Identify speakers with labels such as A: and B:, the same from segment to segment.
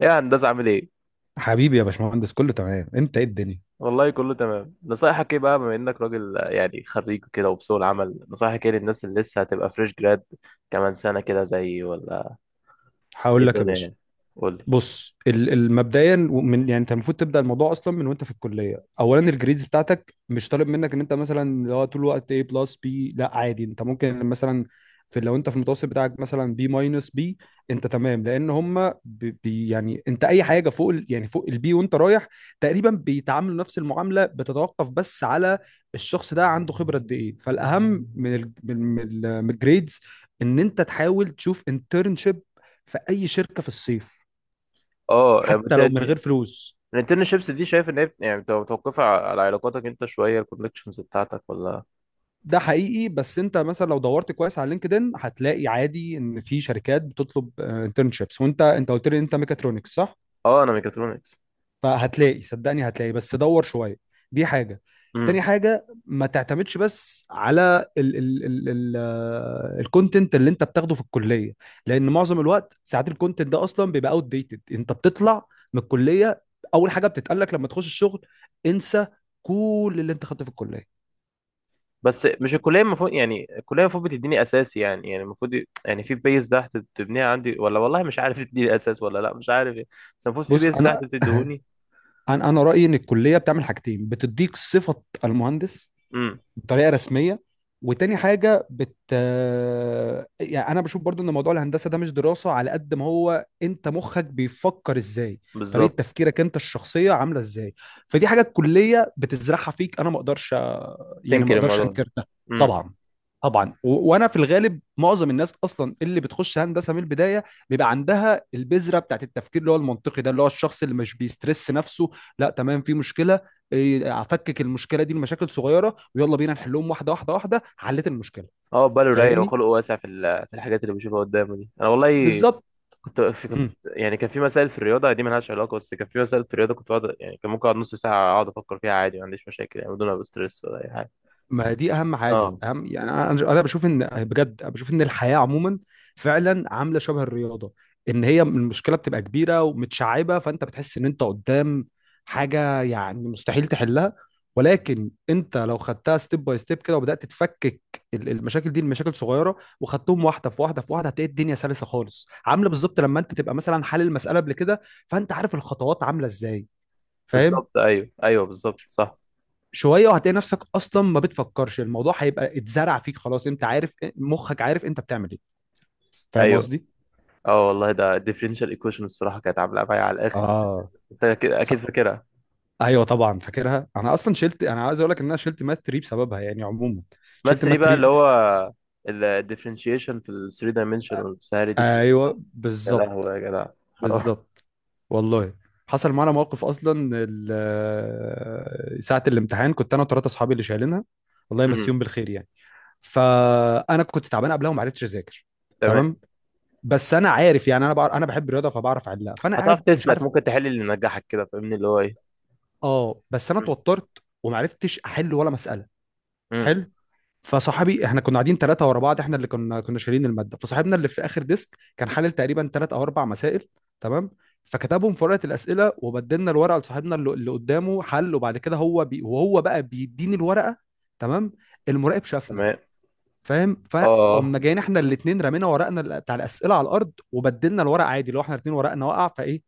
A: ايه يا هندسة، عامل ايه؟
B: حبيبي يا باشمهندس، كله تمام؟ انت ايه الدنيا؟
A: والله كله تمام. نصايحك ايه بقى، بما انك راجل، يعني خريج كده وفي سوق العمل، نصايحك ايه للناس اللي لسه هتبقى فريش جراد كمان سنة كده زيي ولا ايه
B: هقول لك يا
A: الدنيا
B: باشا.
A: يعني؟ قول لي.
B: بص، مبدئيا، من يعني انت المفروض تبدا الموضوع اصلا من وانت في الكليه. اولا، الجريدز بتاعتك مش طالب منك ان انت مثلا لو طول الوقت A بلس بي، لا عادي انت ممكن مثلا، في لو انت في المتوسط بتاعك مثلا بي ماينس بي انت تمام، لان هم بي، يعني انت اي حاجه فوق يعني فوق البي وانت رايح تقريبا بيتعاملوا نفس المعامله. بتتوقف بس على الشخص ده عنده خبره قد ايه. فالاهم من الجريدز ان انت تحاول تشوف انترنشيب في اي شركه في الصيف،
A: اه، يعني
B: حتى لو من
A: بالتالي
B: غير فلوس.
A: الانترنشيبس دي، شايف ان هي يعني بتبقى متوقفة على علاقاتك انت، شوية الكونكشنز بتاعتك ولا؟
B: ده حقيقي، بس انت مثلا لو دورت كويس على لينكدين هتلاقي عادي ان في شركات بتطلب انترنشيبس. وانت قلت لي انت ميكاترونكس، صح؟
A: اه انا ميكاترونكس.
B: فهتلاقي، صدقني هتلاقي، بس دور شويه. دي حاجه.
A: امم.
B: تاني حاجه، ما تعتمدش بس على ال الكونتنت اللي انت بتاخده في الكليه، لان معظم الوقت ساعات الكونتنت ده اصلا بيبقى اوت ديتد. انت بتطلع من الكليه، اول حاجه بتتقال لك لما تخش الشغل: انسى كل اللي انت خدته في الكليه.
A: بس مش الكلية المفروض؟ يعني الكلية المفروض بتديني اساسي، يعني يعني المفروض يعني في بيز تحت بتبنيها عندي ولا والله مش عارف تديني اساس ولا لا مش عارف يعني. بس المفروض في
B: بص
A: بيز تحت
B: انا
A: بتديهوني.
B: انا رايي ان الكليه بتعمل حاجتين: بتديك صفه المهندس بطريقه رسميه، وتاني حاجه يعني انا بشوف برضو ان موضوع الهندسه ده مش دراسه على قد ما هو انت مخك بيفكر ازاي، طريقه
A: بالظبط،
B: تفكيرك انت الشخصيه عامله ازاي. فدي حاجه الكليه بتزرعها فيك، انا ما اقدرش يعني ما
A: تنكر
B: اقدرش
A: الموضوع ده.
B: انكر ده.
A: امم.
B: طبعا. طبعا. و... وانا في الغالب معظم الناس اصلا اللي بتخش هندسه من البدايه بيبقى عندها البذره بتاعت التفكير اللي هو المنطقي ده، اللي هو الشخص اللي مش بيسترس نفسه. لا تمام، في مشكله، افكك المشكله دي لمشاكل صغيره ويلا بينا نحلهم واحده واحده واحده، حليت المشكله.
A: اه، باله رايق
B: فاهمني.
A: وخلقه واسع في في الحاجات اللي بشوفها قدامه دي. انا والله
B: بالظبط.
A: كنت في، كنت
B: مم.
A: يعني كان في مسائل في الرياضه دي مالهاش علاقه، بس كان في مسائل في الرياضه كنت بقعد، يعني كان ممكن اقعد نص ساعه اقعد افكر فيها عادي، ما عنديش مشاكل يعني، بدون ما ابقى ستريس ولا اي حاجه.
B: ما دي اهم حاجه،
A: اه،
B: اهم يعني انا بشوف ان، بجد أنا بشوف ان الحياه عموما فعلا عامله شبه الرياضه، ان هي المشكله بتبقى كبيره ومتشعبه، فانت بتحس ان انت قدام حاجه يعني مستحيل تحلها، ولكن انت لو خدتها ستيب باي ستيب كده وبدات تفكك المشاكل دي لمشاكل صغيره، وخدتهم واحده في واحده في واحده، هتلاقي الدنيا سلسه خالص، عامله بالظبط لما انت تبقى مثلا حل المساله قبل كده، فانت عارف الخطوات عامله ازاي. فاهم.
A: بالظبط. ايوه، ايوه، بالظبط، صح.
B: شويه وهتلاقي نفسك اصلا ما بتفكرش، الموضوع هيبقى اتزرع فيك خلاص، انت عارف مخك، عارف انت بتعمل ايه. فاهم
A: ايوه.
B: قصدي.
A: اه والله، ده الديفرنشال ايكويشن الصراحه كانت عامله معايا على الاخر.
B: اه.
A: انت اكيد، أكيد
B: صعب.
A: فاكرها.
B: ايوه طبعا فاكرها، انا اصلا شلت، انا عايز اقول لك ان انا شلت مات 3 بسببها يعني عموما، شلت
A: بس دي
B: مات
A: بقى اللي
B: 3.
A: هو الديفرنشيشن في ال 3 dimensional والسهالة دي كلها، صح.
B: ايوه
A: يا
B: بالظبط.
A: لهوي يا جدع، حرام.
B: بالظبط. والله حصل معانا موقف اصلا، ساعه الامتحان كنت انا وثلاثه اصحابي اللي شايلينها، الله
A: امم.
B: يمسيهم بالخير يعني. فانا كنت تعبان قبلها وما عرفتش اذاكر.
A: تمام.
B: تمام. بس انا عارف يعني، انا بعرف انا بحب الرياضه فبعرف احلها، فانا
A: هتعرف
B: قاعد مش
A: تسلك،
B: عارف.
A: ممكن تحل اللي نجحك كده، فاهمني اللي هو ايه.
B: اه بس انا
A: امم.
B: اتوترت ومعرفتش احل ولا مساله.
A: امم.
B: حلو. فصاحبي، احنا كنا قاعدين ثلاثه ورا بعض، احنا اللي كنا شايلين الماده، فصاحبنا اللي في اخر ديسك كان حلل تقريبا ثلاث او اربع مسائل. تمام. فكتبهم في ورقه الاسئله وبدلنا الورقه لصاحبنا اللي قدامه حل، وبعد كده هو بي وهو بقى بيديني الورقه. تمام. المراقب شافنا.
A: تمام.
B: فاهم،
A: اه.
B: فقمنا جايين احنا الاثنين رمينا ورقنا بتاع الاسئله على الارض وبدلنا الورق، عادي، لو احنا الاثنين ورقنا وقع فايه،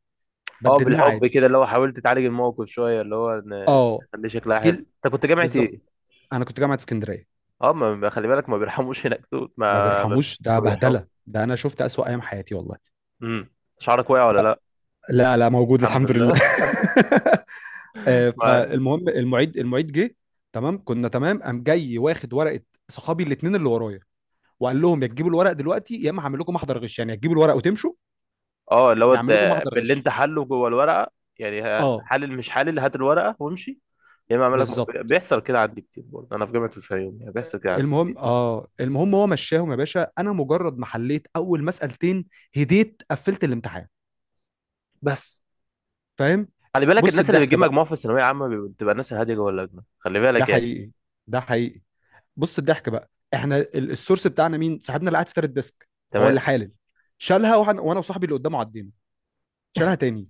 A: اه،
B: بدلناه
A: بالحب
B: عادي.
A: كده اللي هو حاولت تعالج الموقف شويه اللي هو ان
B: اه.
A: خليه شكلها حلو.
B: جيل.
A: انت كنت جامعه
B: بالظبط.
A: ايه؟
B: انا كنت جامعه اسكندريه.
A: اه، خلي بالك، ما بيرحموش هناك دول،
B: ما
A: ما.
B: بيرحموش، ده
A: ما
B: بهدله،
A: بيرحموش.
B: ده انا شفت اسوأ ايام حياتي والله.
A: امم. شعرك واقع ولا لا؟
B: لا لا، موجود
A: الحمد
B: الحمد
A: لله
B: لله.
A: الحمد لله معاك.
B: فالمهم، المعيد جه. تمام، كنا تمام، قام جاي واخد ورقه صحابي الاثنين اللي ورايا، وقال لهم: يا تجيبوا الورق دلوقتي، يا اما هعمل لكم محضر غش، يعني يا تجيبوا الورق وتمشوا
A: اه اللي هو
B: يا
A: انت
B: هعمل لكم محضر
A: باللي
B: غش.
A: انت حله جوه الورقه، يعني
B: اه.
A: حلل مش حلل، هات الورقه وامشي، يا اما اعمل لك.
B: بالظبط.
A: بيحصل كده عندي كتير برضه انا في جامعه الفيوم، يعني بيحصل كده عندي كتير.
B: المهم، هو مشاهم يا باشا، انا مجرد ما حليت اول مسألتين هديت، قفلت الامتحان.
A: بس
B: فاهم.
A: خلي بالك،
B: بص
A: الناس اللي
B: الضحك
A: بتجيب
B: بقى.
A: مجموع في الثانويه عامه بتبقى الناس الهاديه جوه اللجنه، خلي
B: ده
A: بالك يعني.
B: حقيقي. ده حقيقي. بص الضحك بقى، احنا السورس بتاعنا مين؟ صاحبنا اللي قاعد في تالت ديسك هو اللي
A: تمام.
B: حالل. شالها، وانا وصاحبي اللي قدامه عدينا، شالها تاني،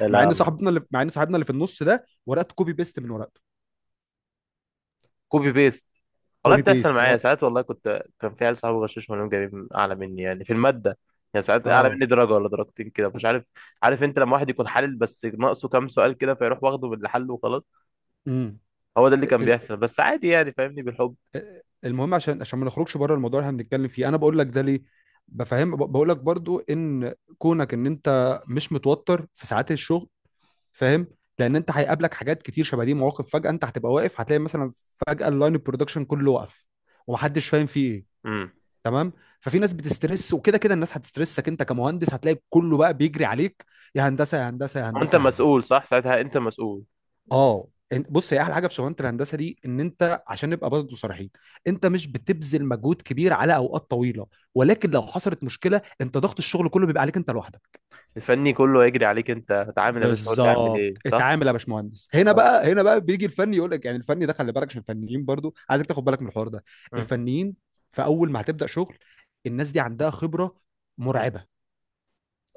A: يا
B: مع ان
A: لهوي.
B: صاحبنا اللي في النص ده ورقته كوبي بيست من ورقته.
A: كوبي بيست. والله
B: كوبي
A: بتحصل
B: بيست
A: معايا
B: هو.
A: ساعات، والله كنت، كان في عيال صحابي غشاش، منهم جايبين اعلى مني يعني في الماده، يعني ساعات اعلى
B: اه.
A: مني درجه ولا درجتين كده مش عارف. عارف انت لما واحد يكون حالل بس ناقصه كام سؤال كده، فيروح واخده باللي حله وخلاص.
B: امم.
A: هو ده اللي كان
B: ال-
A: بيحصل، بس عادي يعني فاهمني، بالحب.
B: المهم، عشان ما نخرجش بره الموضوع اللي احنا بنتكلم فيه، انا بقول لك ده ليه بفهم، بقول لك برضو ان كونك ان انت مش متوتر في ساعات الشغل، فاهم، لان انت هيقابلك حاجات كتير شبه دي، مواقف فجاه انت هتبقى واقف، هتلاقي مثلا فجاه اللاين البرودكشن كله وقف ومحدش فاهم فيه ايه.
A: امم.
B: تمام. ففي ناس بتسترس، وكده كده الناس هتسترسك انت كمهندس، هتلاقي كله بقى بيجري عليك: يا هندسه يا هندسه يا
A: وانت
B: هندسه يا هندسه.
A: مسؤول، صح؟ ساعتها انت مسؤول.
B: اه. بص، هي احلى حاجه في شغلانه الهندسه دي، ان انت، عشان نبقى برضه صريحين، انت مش بتبذل مجهود كبير على اوقات طويله، ولكن لو حصلت مشكله انت ضغط الشغل كله بيبقى عليك انت لوحدك.
A: الفني كله هيجري عليك، انت هتعامل يا باشا قول لي اعمل
B: بالظبط.
A: ايه، صح.
B: اتعامل يا باشمهندس. هنا
A: اه.
B: بقى، هنا بقى بيجي الفني يقول لك، يعني الفني ده خلي بالك، عشان الفنيين برضو عايزك تاخد بالك من الحوار ده.
A: مم.
B: الفنيين في اول ما هتبدا شغل، الناس دي عندها خبره مرعبه.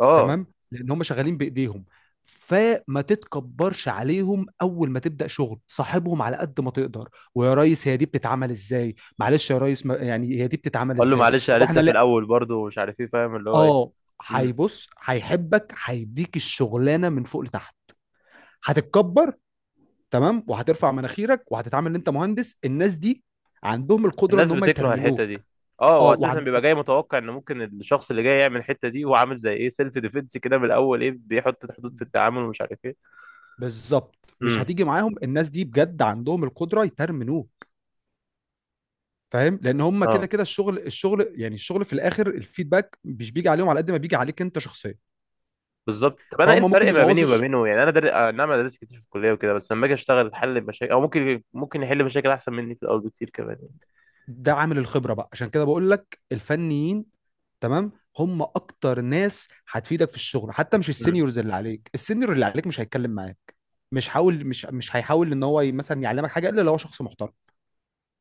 A: اه،
B: تمام، لان هم شغالين بايديهم. فما تتكبرش عليهم، اول ما تبدا شغل صاحبهم على قد ما تقدر: ويا ريس، هي دي بتتعمل ازاي، معلش يا ريس، ما يعني هي دي بتتعمل
A: اقول له
B: ازاي،
A: معلش انا
B: طب احنا
A: لسه في
B: لا.
A: الاول برضه ومش عارف ايه، فاهم اللي هو ايه.
B: اه.
A: امم.
B: هيبص، هيحبك، هيديك الشغلانه من فوق لتحت. هتتكبر، تمام، وهترفع مناخيرك وهتتعامل ان انت مهندس، الناس دي عندهم القدره ان
A: الناس
B: هم
A: بتكره الحته
B: يترمنوك.
A: دي. اه،
B: اه
A: هو اساسا
B: وعن
A: بيبقى جاي متوقع ان ممكن الشخص اللي جاي يعمل الحته دي، هو عامل زي ايه سيلف ديفenس كده من الاول، ايه بيحط حدود في التعامل ومش عارف ايه.
B: بالظبط. مش
A: امم.
B: هتيجي معاهم، الناس دي بجد عندهم القدره يترمنوك. فاهم، لان هم كده
A: اه،
B: كده الشغل، في الاخر الفيدباك مش بيجي عليهم على قد ما بيجي عليك انت شخصيا.
A: بالظبط. طب انا ايه
B: فهم ممكن
A: الفرق ما بيني
B: يبوظوا
A: وما
B: الش-
A: بينه يعني؟ انا در... آه، نعم، انا درست كتير في الكليه وكده، بس لما اجي اشتغل احل مشاكل، او ممكن يحل مشاكل احسن مني في الاول بكتير كمان يعني.
B: ده عامل الخبره بقى، عشان كده بقول لك الفنيين. تمام، هم اكتر ناس هتفيدك في الشغل، حتى مش
A: امم.
B: السينيورز اللي عليك، السينيور اللي عليك مش هيتكلم معاك، مش حاول مش مش هيحاول ان هو مثلا يعلمك حاجه الا لو هو شخص محترم،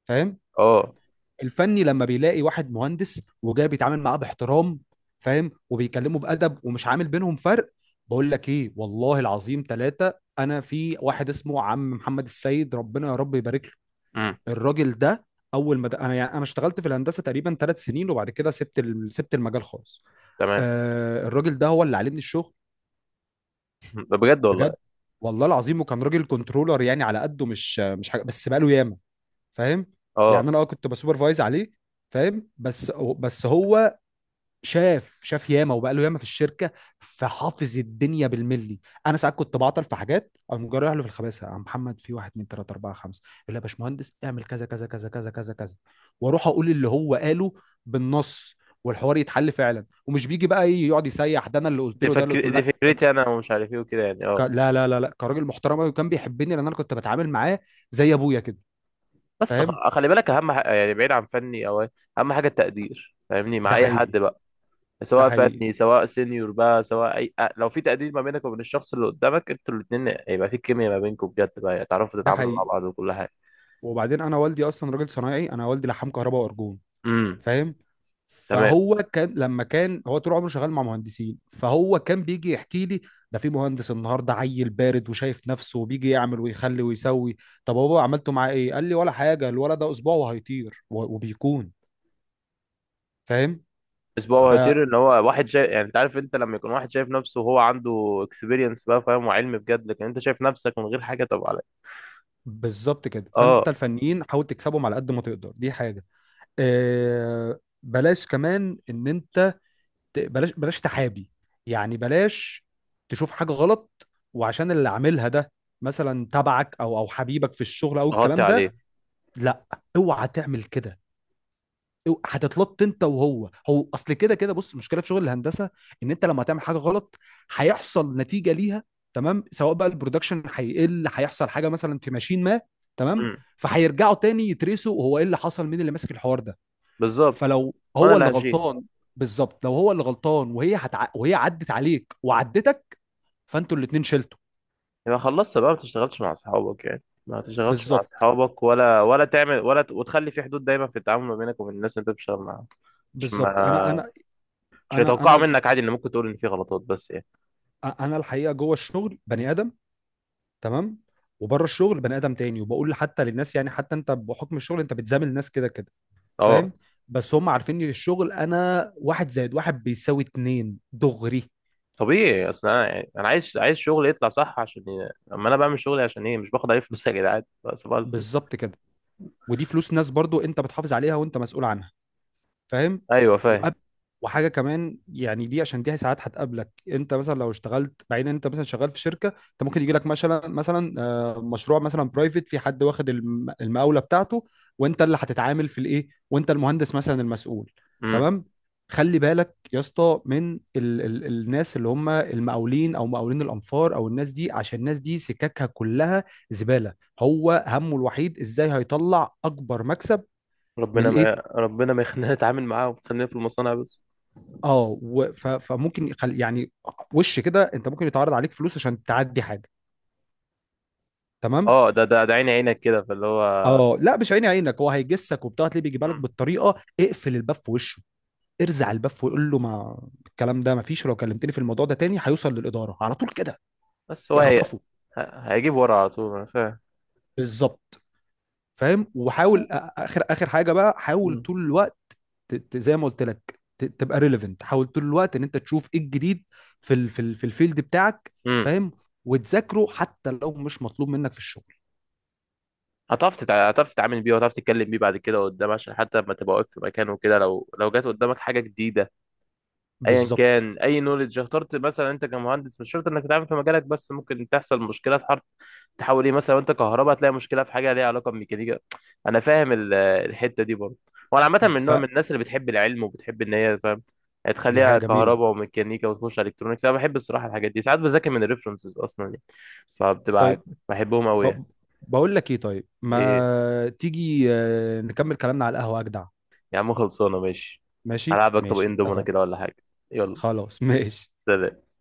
B: فاهم.
A: اه.
B: الفني لما بيلاقي واحد مهندس وجاي بيتعامل معاه باحترام، فاهم، وبيكلمه بادب ومش عامل بينهم فرق، بقول لك ايه والله العظيم ثلاثه. انا، في واحد اسمه عم محمد السيد، ربنا يا رب يبارك له.
A: امم.
B: الراجل ده، اول ما انا، يعني انا اشتغلت في الهندسه تقريبا ثلاث سنين، وبعد كده سبت المجال خالص.
A: تمام.
B: الراجل ده هو اللي علمني الشغل.
A: مم. ده بجد والله.
B: بجد، والله العظيم، وكان راجل كنترولر يعني، على قده، مش حاجه، بس بقاله ياما، فاهم، يعني
A: اه،
B: انا كنت بسوبرفايز عليه، فاهم، بس، بس هو شاف ياما، وبقاله ياما في الشركه، فحافظ الدنيا بالملي. انا ساعات كنت بعطل في حاجات، اقوم جاي رايح له في الخباثه: يا عم محمد، في واحد اتنين تلاته اربعه خمسه، يقول لي يا باشمهندس اعمل كذا كذا كذا كذا كذا كذا، واروح اقول اللي هو قاله بالنص، والحوار يتحل فعلا. ومش بيجي بقى إيه يقعد يسيح ده انا اللي قلت له ده اللي قلت له،
A: دي
B: لا.
A: فكرتي انا، ومش عارف ايه وكده يعني. اه.
B: لا لا لا لا، كراجل محترم قوي، وكان بيحبني لان انا كنت بتعامل معاه زي ابويا كده،
A: بس
B: فاهم.
A: خلي بالك، اهم حاجة يعني بعيد عن فني او اهم حاجه التقدير، فاهمني، مع
B: ده
A: اي حد
B: حقيقي.
A: بقى.
B: ده
A: سواء
B: حقيقي.
A: فني، سواء سينيور بقى، سواء لو في تقدير ما بينك وبين الشخص اللي قدامك، انتوا الاثنين هيبقى في كيمياء ما بينكم بجد، بقى تعرفوا
B: ده
A: تتعاملوا مع
B: حقيقي.
A: بعض وكل حاجه.
B: وبعدين انا والدي اصلا راجل صنايعي، انا والدي لحام كهرباء وارجون،
A: امم.
B: فاهم.
A: تمام.
B: فهو كان، لما كان هو طول عمره شغال مع مهندسين، فهو كان بيجي يحكي لي: ده في مهندس النهارده عيل بارد وشايف نفسه، وبيجي يعمل ويخلي ويسوي. طب هو عملته معاه ايه؟ قال لي ولا حاجه، الولد ده اسبوع وهيطير، و- وبيكون، فاهم.
A: اسبوع
B: ف
A: هيطير، ان هو واحد شايف يعني. انت عارف، انت لما يكون واحد شايف نفسه وهو عنده اكسبيرينس بقى، فاهم وعلم بجد، لكن انت شايف نفسك من غير حاجه، طب عليك.
B: بالظبط كده. فانت
A: اه.
B: الفنيين حاول تكسبهم على قد ما تقدر، دي حاجه. بلاش كمان ان انت، بلاش تحابي، يعني بلاش تشوف حاجه غلط وعشان اللي عاملها ده مثلا تبعك او حبيبك في الشغل او
A: غطي
B: الكلام ده،
A: عليه.
B: لا، اوعى تعمل كده، هتتلط انت وهو. هو اصل كده كده، بص المشكله في شغل الهندسه ان انت لما تعمل حاجه غلط هيحصل نتيجه ليها، تمام، سواء بقى البرودكشن هيقل، هيحصل حاجه مثلا في ماشين ما، تمام،
A: امم.
B: فهيرجعوا تاني يترسوا هو ايه اللي حصل، مين اللي ماسك الحوار ده،
A: بالظبط.
B: فلو
A: وانا
B: هو
A: اللي
B: اللي
A: هشيل.
B: غلطان. بالظبط، لو هو اللي غلطان وهي وهي عدت عليك وعدتك، فانتوا الاتنين شلتوا.
A: يبقى خلصت بقى، ما تشتغلش مع اصحابك، يعني ما تشتغلش مع
B: بالظبط.
A: اصحابك ولا ولا تعمل ولا وتخلي في حدود دايما في التعامل ما بينك وبين الناس اللي انت بتشتغل معاهم. عشان
B: بالظبط. انا
A: ما،
B: انا
A: مش
B: انا
A: هيتوقعوا
B: انا
A: منك عادي ان ممكن تقول ان في غلطات بس يعني.
B: انا الحقيقه جوه الشغل بني ادم، تمام، وبره الشغل بني ادم تاني، وبقول حتى للناس يعني، حتى انت بحكم الشغل انت بتزامل الناس كده كده،
A: اه،
B: فاهم، بس هم عارفين ان الشغل انا واحد زائد واحد بيساوي اتنين دغري.
A: طبيعي. اصل انا يعني انا عايز، عايز شغلي يطلع صح، عشان اما انا بعمل شغلي عشان ايه؟ مش باخد عليه فلوس يا جدعان. صباح الفل.
B: بالظبط كده. ودي فلوس ناس برضو، انت بتحافظ عليها وانت مسؤول عنها، فاهم.
A: ايوه فاهم.
B: وقب- وحاجه كمان يعني، دي عشان دي ساعات هتقابلك انت مثلا لو اشتغلت بعدين. انت مثلا شغال في شركه، انت ممكن يجي لك مثلا مثلا آه، مشروع مثلا برايفت، في حد واخد المقاوله بتاعته وانت اللي هتتعامل في الايه، وانت المهندس مثلا المسؤول.
A: امم.
B: تمام. خلي بالك يا اسطى من ال ال الناس اللي هم المقاولين او مقاولين الانفار او الناس دي، عشان الناس دي سككها كلها زباله، هو همه الوحيد ازاي هيطلع اكبر مكسب من
A: ربنا ما
B: الايه.
A: ربنا ما يخلينا نتعامل معاهم، خلينا في المصانع بس.
B: اه فممكن يعني وش كده انت ممكن يتعرض عليك فلوس عشان تعدي حاجه، تمام.
A: اه، ده عيني عينك كده، فاللي هو.
B: اه لا مش عيني عينك، هو هيجسك وبتاع، تلاقيه بيجيبها لك
A: مم.
B: بالطريقه. اقفل الباب في وشه، ارزع الباب وقول له: ما الكلام ده ما فيش، ولو كلمتني في الموضوع ده تاني هيوصل للاداره على طول كده،
A: بس
B: يخطفه.
A: هيجيب ورا على طول، انا فاهم.
B: بالظبط. فاهم. وحاول، اخر اخر حاجه بقى، حاول
A: مم.
B: طول الوقت، زي ما قلت لك تبقى ريليفنت، حاول طول الوقت ان انت تشوف ايه الجديد في ال في ال في الفيلد بتاعك،
A: امم.
B: فاهم، وتذاكره حتى لو مش مطلوب منك في الشغل.
A: هتعرف تتعامل بيه، وهتعرف تتكلم بيه بعد كده قدام، عشان حتى لما تبقى واقف في مكان وكده، لو جات قدامك حاجه جديده، ايا
B: بالظبط.
A: كان اي نولج اخترت مثلا. انت كمهندس مش شرط انك تتعامل في مجالك بس، ممكن تحصل مشكله في حرف تحاول ايه مثلا، وانت كهرباء تلاقي مشكله في حاجه ليها علاقه بميكانيكا. انا فاهم الحته دي برضه، وانا عامه
B: د-
A: من نوع من
B: فدي
A: الناس اللي بتحب العلم وبتحب ان هي فاهم
B: حاجه
A: تخليها
B: جميله.
A: كهرباء وميكانيكا وتخش الكترونكس. انا بحب الصراحه الحاجات دي، ساعات بذاكر من الريفرنسز اصلا يعني. فبتبقى،
B: طيب.
A: بحبهم قوي يعني.
B: ب- بقول لك ايه طيب،
A: ايه
B: ما تيجي نكمل كلامنا على القهوه اجدع.
A: يا عم، خلصانه، ماشي.
B: ماشي
A: هلعبك
B: ماشي
A: طبقين دومنا
B: اتفقنا.
A: كده ولا حاجه؟ يلا.
B: خلاص ماشي.
A: سلام.